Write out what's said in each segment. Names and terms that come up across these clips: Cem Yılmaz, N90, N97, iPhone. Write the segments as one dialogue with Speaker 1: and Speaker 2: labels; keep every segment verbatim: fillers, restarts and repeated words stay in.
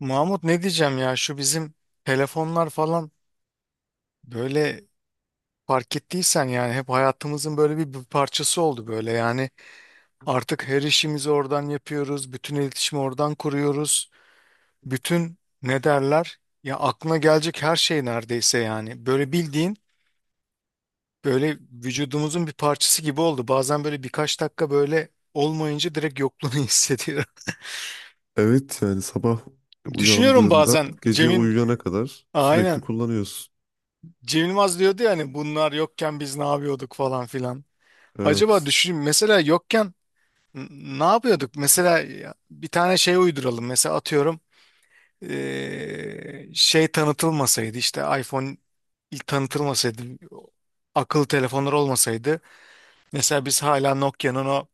Speaker 1: Mahmut ne diyeceğim ya şu bizim telefonlar falan böyle fark ettiysen yani hep hayatımızın böyle bir, bir parçası oldu böyle yani artık her işimizi oradan yapıyoruz, bütün iletişimi oradan kuruyoruz, bütün ne derler ya aklına gelecek her şey neredeyse yani böyle bildiğin böyle vücudumuzun bir parçası gibi oldu. Bazen böyle birkaç dakika böyle olmayınca direkt yokluğunu hissediyorum,
Speaker 2: Evet yani sabah
Speaker 1: düşünüyorum
Speaker 2: uyandığında
Speaker 1: bazen
Speaker 2: gece
Speaker 1: Cem'in,
Speaker 2: uyuyana kadar sürekli
Speaker 1: aynen,
Speaker 2: kullanıyorsun.
Speaker 1: Cem Yılmaz diyordu ya hani bunlar yokken biz ne yapıyorduk falan filan. Acaba
Speaker 2: Evet.
Speaker 1: düşünün, mesela yokken n- ne yapıyorduk? Mesela ya, bir tane şey uyduralım. Mesela atıyorum eee, şey tanıtılmasaydı, işte iPhone ilk tanıtılmasaydı, akıllı telefonlar olmasaydı, mesela biz hala Nokia'nın o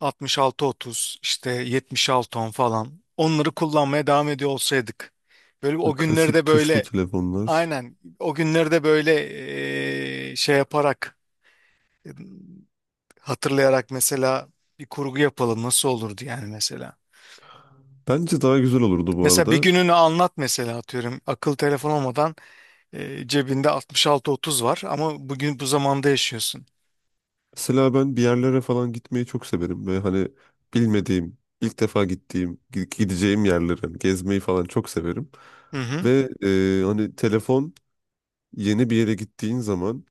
Speaker 1: altmış altı otuz işte yetmiş altı on falan, onları kullanmaya devam ediyor olsaydık. Böyle o günleri
Speaker 2: Klasik
Speaker 1: de
Speaker 2: tuşlu
Speaker 1: böyle,
Speaker 2: telefonlar.
Speaker 1: aynen o günleri de böyle eee, şey yaparak, E, Hatırlayarak mesela, bir kurgu yapalım nasıl olurdu yani mesela.
Speaker 2: Bence daha güzel olurdu bu
Speaker 1: Mesela bir
Speaker 2: arada.
Speaker 1: gününü anlat mesela, atıyorum, akıl telefon olmadan, e, cebinde altmış altı otuz var ama bugün bu zamanda yaşıyorsun.
Speaker 2: Mesela ben bir yerlere falan gitmeyi çok severim ve hani bilmediğim, ilk defa gittiğim, gi- gideceğim yerleri hani gezmeyi falan çok severim.
Speaker 1: Hı hı.
Speaker 2: Ve e, hani telefon yeni bir yere gittiğin zaman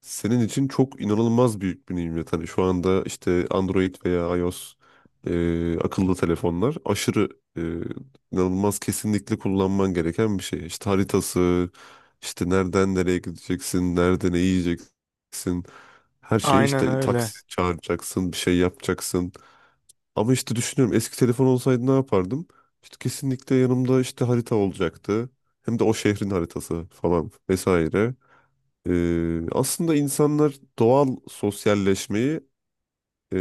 Speaker 2: senin için çok inanılmaz büyük bir nimet. Hani şu anda işte Android veya iOS e, akıllı telefonlar aşırı e, inanılmaz kesinlikle kullanman gereken bir şey. İşte haritası, işte nereden nereye gideceksin, nerede ne yiyeceksin. Her şeyi
Speaker 1: Aynen
Speaker 2: işte
Speaker 1: öyle.
Speaker 2: taksi çağıracaksın, bir şey yapacaksın. Ama işte düşünüyorum eski telefon olsaydı ne yapardım? İşte kesinlikle yanımda işte harita olacaktı. Hem de o şehrin haritası falan vesaire. Ee, aslında insanlar doğal sosyalleşmeyi e,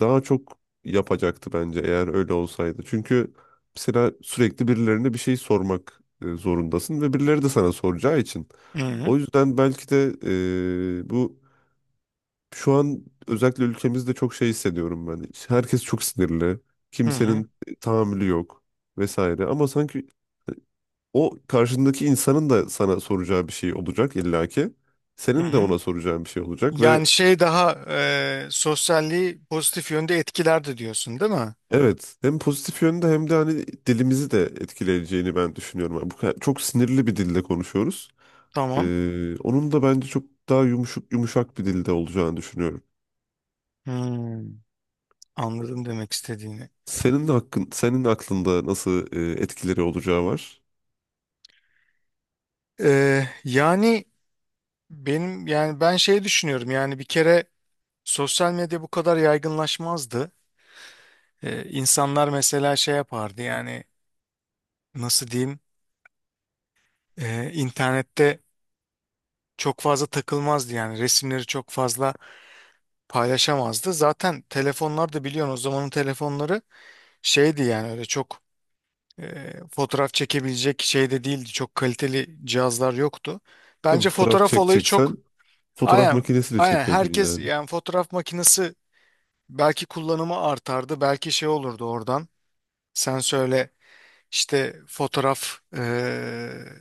Speaker 2: daha çok yapacaktı bence eğer öyle olsaydı. Çünkü mesela sürekli birilerine bir şey sormak e, zorundasın ve birileri de sana soracağı için.
Speaker 1: Hı hı.
Speaker 2: O yüzden belki de e, bu şu an özellikle ülkemizde çok şey hissediyorum ben. Herkes çok sinirli,
Speaker 1: Hı hı.
Speaker 2: kimsenin tahammülü yok vesaire. Ama sanki o karşındaki insanın da sana soracağı bir şey olacak illaki.
Speaker 1: Hı
Speaker 2: Senin de
Speaker 1: hı.
Speaker 2: ona soracağın bir şey olacak ve
Speaker 1: Yani şey, daha e, sosyalliği pozitif yönde etkilerdi diyorsun, değil mi?
Speaker 2: evet, hem pozitif yönde hem de hani dilimizi de etkileyeceğini ben düşünüyorum. Yani bu kadar- çok sinirli bir dilde konuşuyoruz.
Speaker 1: Tamam.
Speaker 2: Ee, onun da bence çok daha yumuşak yumuşak bir dilde olacağını düşünüyorum.
Speaker 1: Hmm, anladım demek istediğini.
Speaker 2: Senin hakkın, senin aklında nasıl e, etkileri olacağı var.
Speaker 1: Ee, yani benim, yani ben şey düşünüyorum yani, bir kere sosyal medya bu kadar yaygınlaşmazdı. Ee, insanlar mesela şey yapardı yani, nasıl diyeyim, e, internette çok fazla takılmazdı yani, resimleri çok fazla paylaşamazdı. Zaten telefonlar da biliyorsun, o zamanın telefonları şeydi yani, öyle çok e, fotoğraf çekebilecek şey de değildi. Çok kaliteli cihazlar yoktu.
Speaker 2: Tabii
Speaker 1: Bence
Speaker 2: fotoğraf
Speaker 1: fotoğraf olayı
Speaker 2: çekeceksen
Speaker 1: çok,
Speaker 2: fotoğraf
Speaker 1: aynen
Speaker 2: makinesiyle
Speaker 1: aynen,
Speaker 2: çekiyordun
Speaker 1: herkes
Speaker 2: yani.
Speaker 1: yani fotoğraf makinesi belki kullanımı artardı, belki şey olurdu oradan. Sen söyle. İşte fotoğraf eee,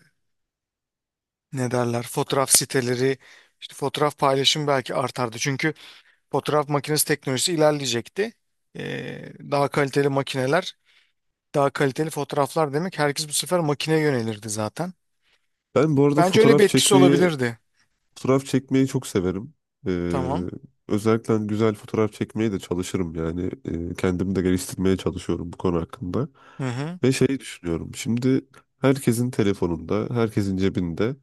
Speaker 1: ne derler, fotoğraf siteleri, işte fotoğraf paylaşım belki artardı. Çünkü fotoğraf makinesi teknolojisi ilerleyecekti. Eee, daha kaliteli makineler, daha kaliteli fotoğraflar demek, herkes bu sefer makineye yönelirdi zaten.
Speaker 2: Ben bu arada
Speaker 1: Bence öyle bir
Speaker 2: fotoğraf
Speaker 1: etkisi
Speaker 2: çekmeyi
Speaker 1: olabilirdi.
Speaker 2: fotoğraf çekmeyi çok severim. Ee,
Speaker 1: Tamam.
Speaker 2: özellikle hani güzel fotoğraf çekmeye de çalışırım yani. Ee, kendimi de geliştirmeye çalışıyorum bu konu hakkında.
Speaker 1: Hı hı.
Speaker 2: Ve şeyi düşünüyorum. Şimdi herkesin telefonunda, herkesin cebinde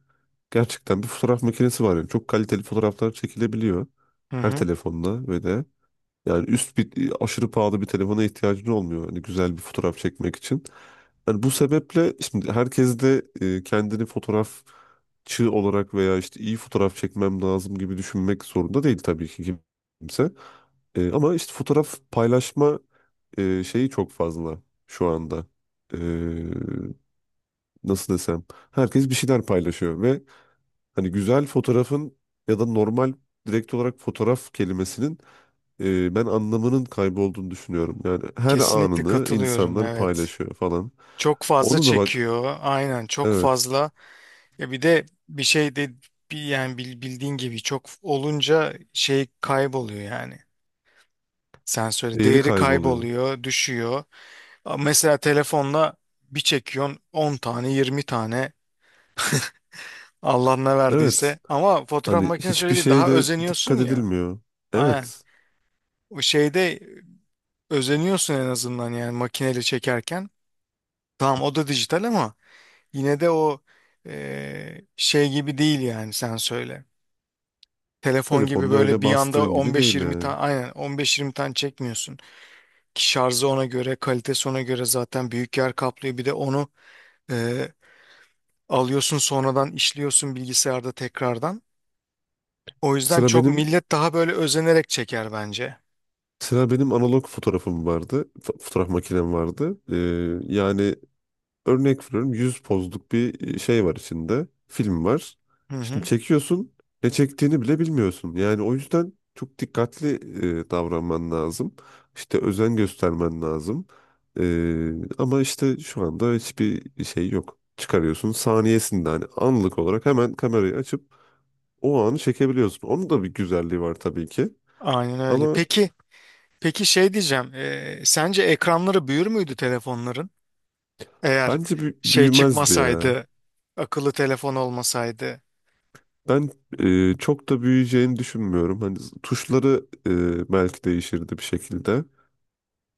Speaker 2: gerçekten bir fotoğraf makinesi var. Yani çok kaliteli fotoğraflar çekilebiliyor.
Speaker 1: Hı
Speaker 2: Her
Speaker 1: hı.
Speaker 2: telefonla ve de. Yani üst bir aşırı pahalı bir telefona ihtiyacın olmuyor. Hani güzel bir fotoğraf çekmek için. Yani bu sebeple şimdi herkes de e, kendini fotoğrafçı olarak veya işte iyi fotoğraf çekmem lazım gibi düşünmek zorunda değil tabii ki kimse. E, ama işte fotoğraf paylaşma e, şeyi çok fazla şu anda. E, nasıl desem? Herkes bir şeyler paylaşıyor ve hani güzel fotoğrafın ya da normal direkt olarak fotoğraf kelimesinin e, ben anlamının kaybolduğunu düşünüyorum. Yani her
Speaker 1: Kesinlikle
Speaker 2: anını
Speaker 1: katılıyorum,
Speaker 2: insanlar
Speaker 1: evet.
Speaker 2: paylaşıyor falan.
Speaker 1: Çok fazla
Speaker 2: Onu da bak,
Speaker 1: çekiyor. Aynen, çok
Speaker 2: evet,
Speaker 1: fazla. Ya bir de bir şey de, bir yani bil- bildiğin gibi çok olunca şey kayboluyor yani. Sen söyle,
Speaker 2: değeri
Speaker 1: değeri
Speaker 2: kayboluyor.
Speaker 1: kayboluyor, düşüyor. Ama mesela telefonla bir çekiyorsun on tane, yirmi tane, Allah ne
Speaker 2: Evet,
Speaker 1: verdiyse. Ama fotoğraf
Speaker 2: hani
Speaker 1: makinesi öyle
Speaker 2: hiçbir
Speaker 1: değil,
Speaker 2: şeye
Speaker 1: daha
Speaker 2: de
Speaker 1: özeniyorsun
Speaker 2: dikkat
Speaker 1: ya.
Speaker 2: edilmiyor.
Speaker 1: Aynen.
Speaker 2: Evet,
Speaker 1: O şeyde özeniyorsun en azından yani, makineyle çekerken. Tamam, o da dijital ama yine de o eee, şey gibi değil yani, sen söyle. Telefon gibi
Speaker 2: telefonda
Speaker 1: böyle
Speaker 2: öyle
Speaker 1: bir anda
Speaker 2: bastığın gibi değil
Speaker 1: on beş yirmi tane,
Speaker 2: yani.
Speaker 1: aynen on beş yirmi tane çekmiyorsun. Ki şarjı ona göre, kalitesi ona göre, zaten büyük yer kaplıyor. Bir de onu e, alıyorsun sonradan, işliyorsun bilgisayarda tekrardan. O yüzden
Speaker 2: Sıra
Speaker 1: çok
Speaker 2: benim
Speaker 1: millet daha böyle özenerek çeker bence.
Speaker 2: Sıra benim analog fotoğrafım vardı. F- fotoğraf makinem vardı. E, yani örnek veriyorum yüz pozluk bir e, şey var içinde. Film var.
Speaker 1: Hı
Speaker 2: Şimdi
Speaker 1: hı.
Speaker 2: çekiyorsun ne çektiğini bile bilmiyorsun. Yani o yüzden çok dikkatli e, davranman lazım. İşte özen göstermen lazım. E, ama işte şu anda hiçbir şey yok. Çıkarıyorsun saniyesinde hani anlık olarak hemen kamerayı açıp o anı çekebiliyorsun. Onun da bir güzelliği var tabii ki.
Speaker 1: Aynen öyle.
Speaker 2: Ama
Speaker 1: Peki, peki şey diyeceğim. E, sence ekranları büyür müydü telefonların? Eğer
Speaker 2: bence bü-
Speaker 1: şey
Speaker 2: büyümezdi ya.
Speaker 1: çıkmasaydı, akıllı telefon olmasaydı.
Speaker 2: Ben e, çok da büyüyeceğini düşünmüyorum. Hani z- tuşları e, belki değişirdi bir şekilde.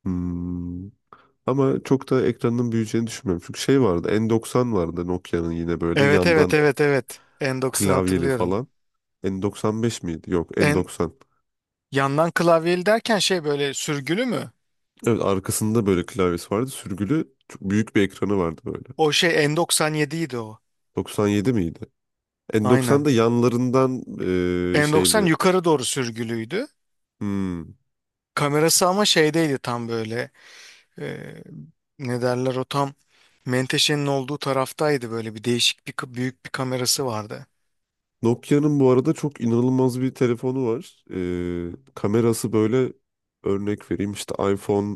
Speaker 2: Hmm, Ama çok da ekranın büyüyeceğini düşünmüyorum. Çünkü şey vardı, N doksan vardı Nokia'nın yine böyle
Speaker 1: Evet, evet,
Speaker 2: yandan
Speaker 1: evet, evet. Endox'unu
Speaker 2: klavyeli
Speaker 1: hatırlıyorum.
Speaker 2: falan. N doksan beş miydi? Yok,
Speaker 1: En
Speaker 2: N doksan.
Speaker 1: yandan klavyeli derken şey, böyle sürgülü mü?
Speaker 2: Evet, arkasında böyle klavyesi vardı. Sürgülü çok büyük bir ekranı vardı böyle.
Speaker 1: O şey N doksan yedi idi o.
Speaker 2: doksan yedi miydi?
Speaker 1: Aynen.
Speaker 2: N doksanda yanlarından e,
Speaker 1: N doksan
Speaker 2: şeyli
Speaker 1: yukarı doğru sürgülüydü.
Speaker 2: hmm,
Speaker 1: Kamerası ama şeydeydi tam, böyle e, ne derler, o tam menteşenin olduğu taraftaydı. Böyle bir değişik bir ka- büyük bir kamerası vardı.
Speaker 2: Nokia'nın bu arada çok inanılmaz bir telefonu var. Ee, kamerası böyle örnek vereyim işte iPhone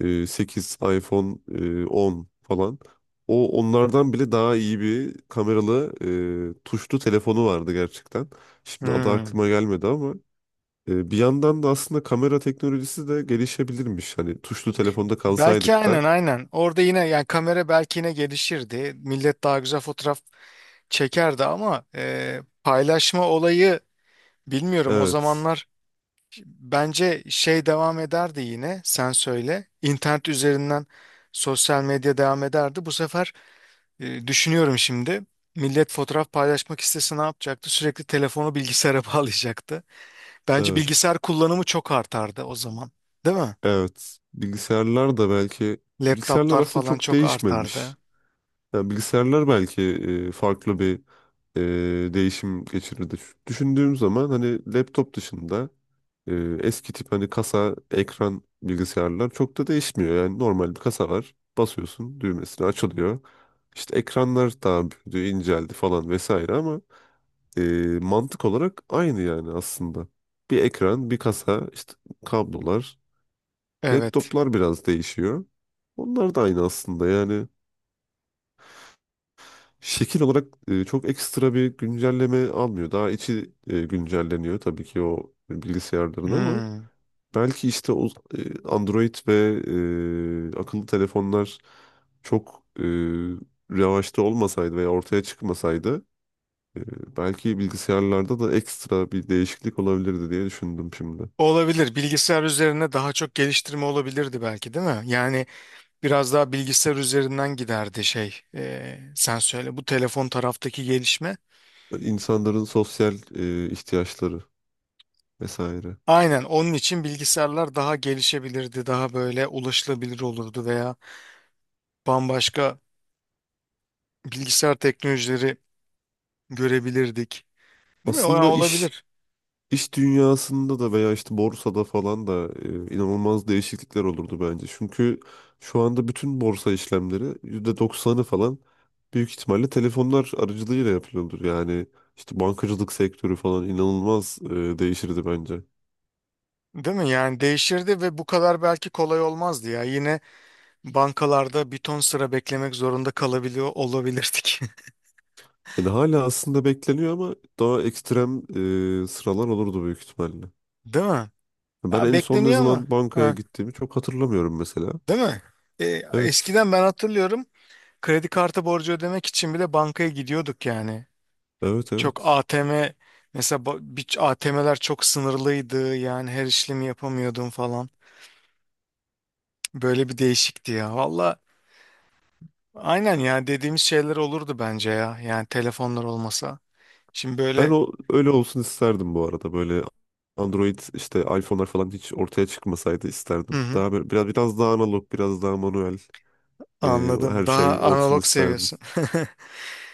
Speaker 2: e, sekiz, iPhone e, on falan. O onlardan bile daha iyi bir kameralı e, tuşlu telefonu vardı gerçekten. Şimdi adı
Speaker 1: Hmm.
Speaker 2: aklıma gelmedi ama e, bir yandan da aslında kamera teknolojisi de gelişebilirmiş. Hani tuşlu telefonda
Speaker 1: Belki,
Speaker 2: kalsaydık da.
Speaker 1: aynen aynen. Orada yine yani kamera belki yine gelişirdi, millet daha güzel fotoğraf çekerdi ama e, paylaşma olayı bilmiyorum o
Speaker 2: Evet,
Speaker 1: zamanlar. Bence şey devam ederdi yine, sen söyle, İnternet üzerinden sosyal medya devam ederdi. Bu sefer e, düşünüyorum şimdi, millet fotoğraf paylaşmak istese ne yapacaktı? Sürekli telefonu bilgisayara bağlayacaktı. Bence
Speaker 2: evet,
Speaker 1: bilgisayar kullanımı çok artardı o zaman. Değil mi?
Speaker 2: evet. Bilgisayarlar da belki bilgisayarlar
Speaker 1: Laptoplar
Speaker 2: aslında
Speaker 1: falan
Speaker 2: çok
Speaker 1: çok artardı.
Speaker 2: değişmemiş. Yani bilgisayarlar belki e, farklı bir e, değişim geçirirdi. Şu- Düşündüğüm zaman hani laptop dışında e, eski tip hani kasa, ekran bilgisayarlar çok da değişmiyor. Yani normal bir kasa var. Basıyorsun düğmesine açılıyor. İşte ekranlar daha büyüdü, inceldi falan vesaire ama e, mantık olarak aynı yani aslında. Bir ekran, bir kasa, işte kablolar,
Speaker 1: Evet.
Speaker 2: laptoplar biraz değişiyor. Onlar da aynı aslında yani şekil olarak e, çok ekstra bir güncelleme almıyor. Daha içi e, güncelleniyor tabii ki o bilgisayarların ama
Speaker 1: Hmm.
Speaker 2: belki işte o e, Android ve e, akıllı telefonlar çok e, revaçta olmasaydı veya ortaya çıkmasaydı e, belki bilgisayarlarda da ekstra bir değişiklik olabilirdi diye düşündüm şimdi.
Speaker 1: Olabilir. Bilgisayar üzerine daha çok geliştirme olabilirdi belki, değil mi? Yani biraz daha bilgisayar üzerinden giderdi şey. Ee, sen söyle bu telefon taraftaki gelişme.
Speaker 2: İnsanların sosyal e, ihtiyaçları vesaire.
Speaker 1: Aynen, onun için bilgisayarlar daha gelişebilirdi, daha böyle ulaşılabilir olurdu veya bambaşka bilgisayar teknolojileri görebilirdik. Değil mi? O
Speaker 2: Aslında iş
Speaker 1: olabilir.
Speaker 2: İş dünyasında da veya işte borsada falan da e, inanılmaz değişiklikler olurdu bence. Çünkü şu anda bütün borsa işlemleri yüzde doksanı falan büyük ihtimalle telefonlar aracılığıyla yapılıyordur. Yani işte bankacılık sektörü falan inanılmaz e, değişirdi bence.
Speaker 1: Değil mi? Yani değişirdi ve bu kadar belki kolay olmazdı ya. Yine bankalarda bir ton sıra beklemek zorunda kalabiliyor olabilirdik.
Speaker 2: Yani hala aslında bekleniyor ama daha ekstrem e, sıralar olurdu büyük ihtimalle.
Speaker 1: Değil mi?
Speaker 2: Ben
Speaker 1: Ya
Speaker 2: en son ne
Speaker 1: bekleniyor ama.
Speaker 2: zaman bankaya
Speaker 1: Ha,
Speaker 2: gittiğimi çok hatırlamıyorum mesela.
Speaker 1: değil mi? E,
Speaker 2: Evet,
Speaker 1: eskiden ben hatırlıyorum, kredi kartı borcu ödemek için bile bankaya gidiyorduk yani.
Speaker 2: evet,
Speaker 1: Çok
Speaker 2: evet.
Speaker 1: A T M mesela, ba- bir A T M'ler çok sınırlıydı yani, her işlemi yapamıyordum falan. Böyle bir değişikti ya. Valla aynen ya, dediğimiz şeyler olurdu bence ya, yani telefonlar olmasa. Şimdi
Speaker 2: Ben
Speaker 1: böyle
Speaker 2: o öyle olsun isterdim bu arada. Böyle Android işte iPhone'lar falan hiç ortaya çıkmasaydı
Speaker 1: hı
Speaker 2: isterdim.
Speaker 1: hı,
Speaker 2: Daha böyle, biraz biraz daha analog, biraz daha manuel e,
Speaker 1: anladım.
Speaker 2: her
Speaker 1: Daha
Speaker 2: şey olsun
Speaker 1: analog
Speaker 2: isterdim.
Speaker 1: seviyorsun.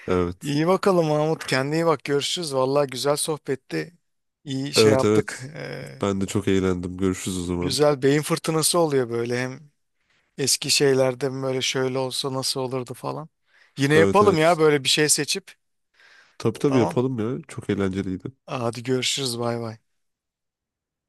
Speaker 2: Evet.
Speaker 1: İyi bakalım Mahmut, kendine iyi bak, görüşürüz. Valla güzel sohbetti, İyi şey
Speaker 2: Evet,
Speaker 1: yaptık.
Speaker 2: evet.
Speaker 1: Ee,
Speaker 2: Ben de çok eğlendim. Görüşürüz o zaman.
Speaker 1: güzel beyin fırtınası oluyor böyle hem, eski şeylerde mi böyle şöyle olsa nasıl olurdu falan. Yine
Speaker 2: Evet,
Speaker 1: yapalım ya,
Speaker 2: evet.
Speaker 1: böyle bir şey seçip.
Speaker 2: Tabii, tabii
Speaker 1: Tamam.
Speaker 2: yapalım ya. Çok eğlenceliydi.
Speaker 1: Hadi görüşürüz, bay bay.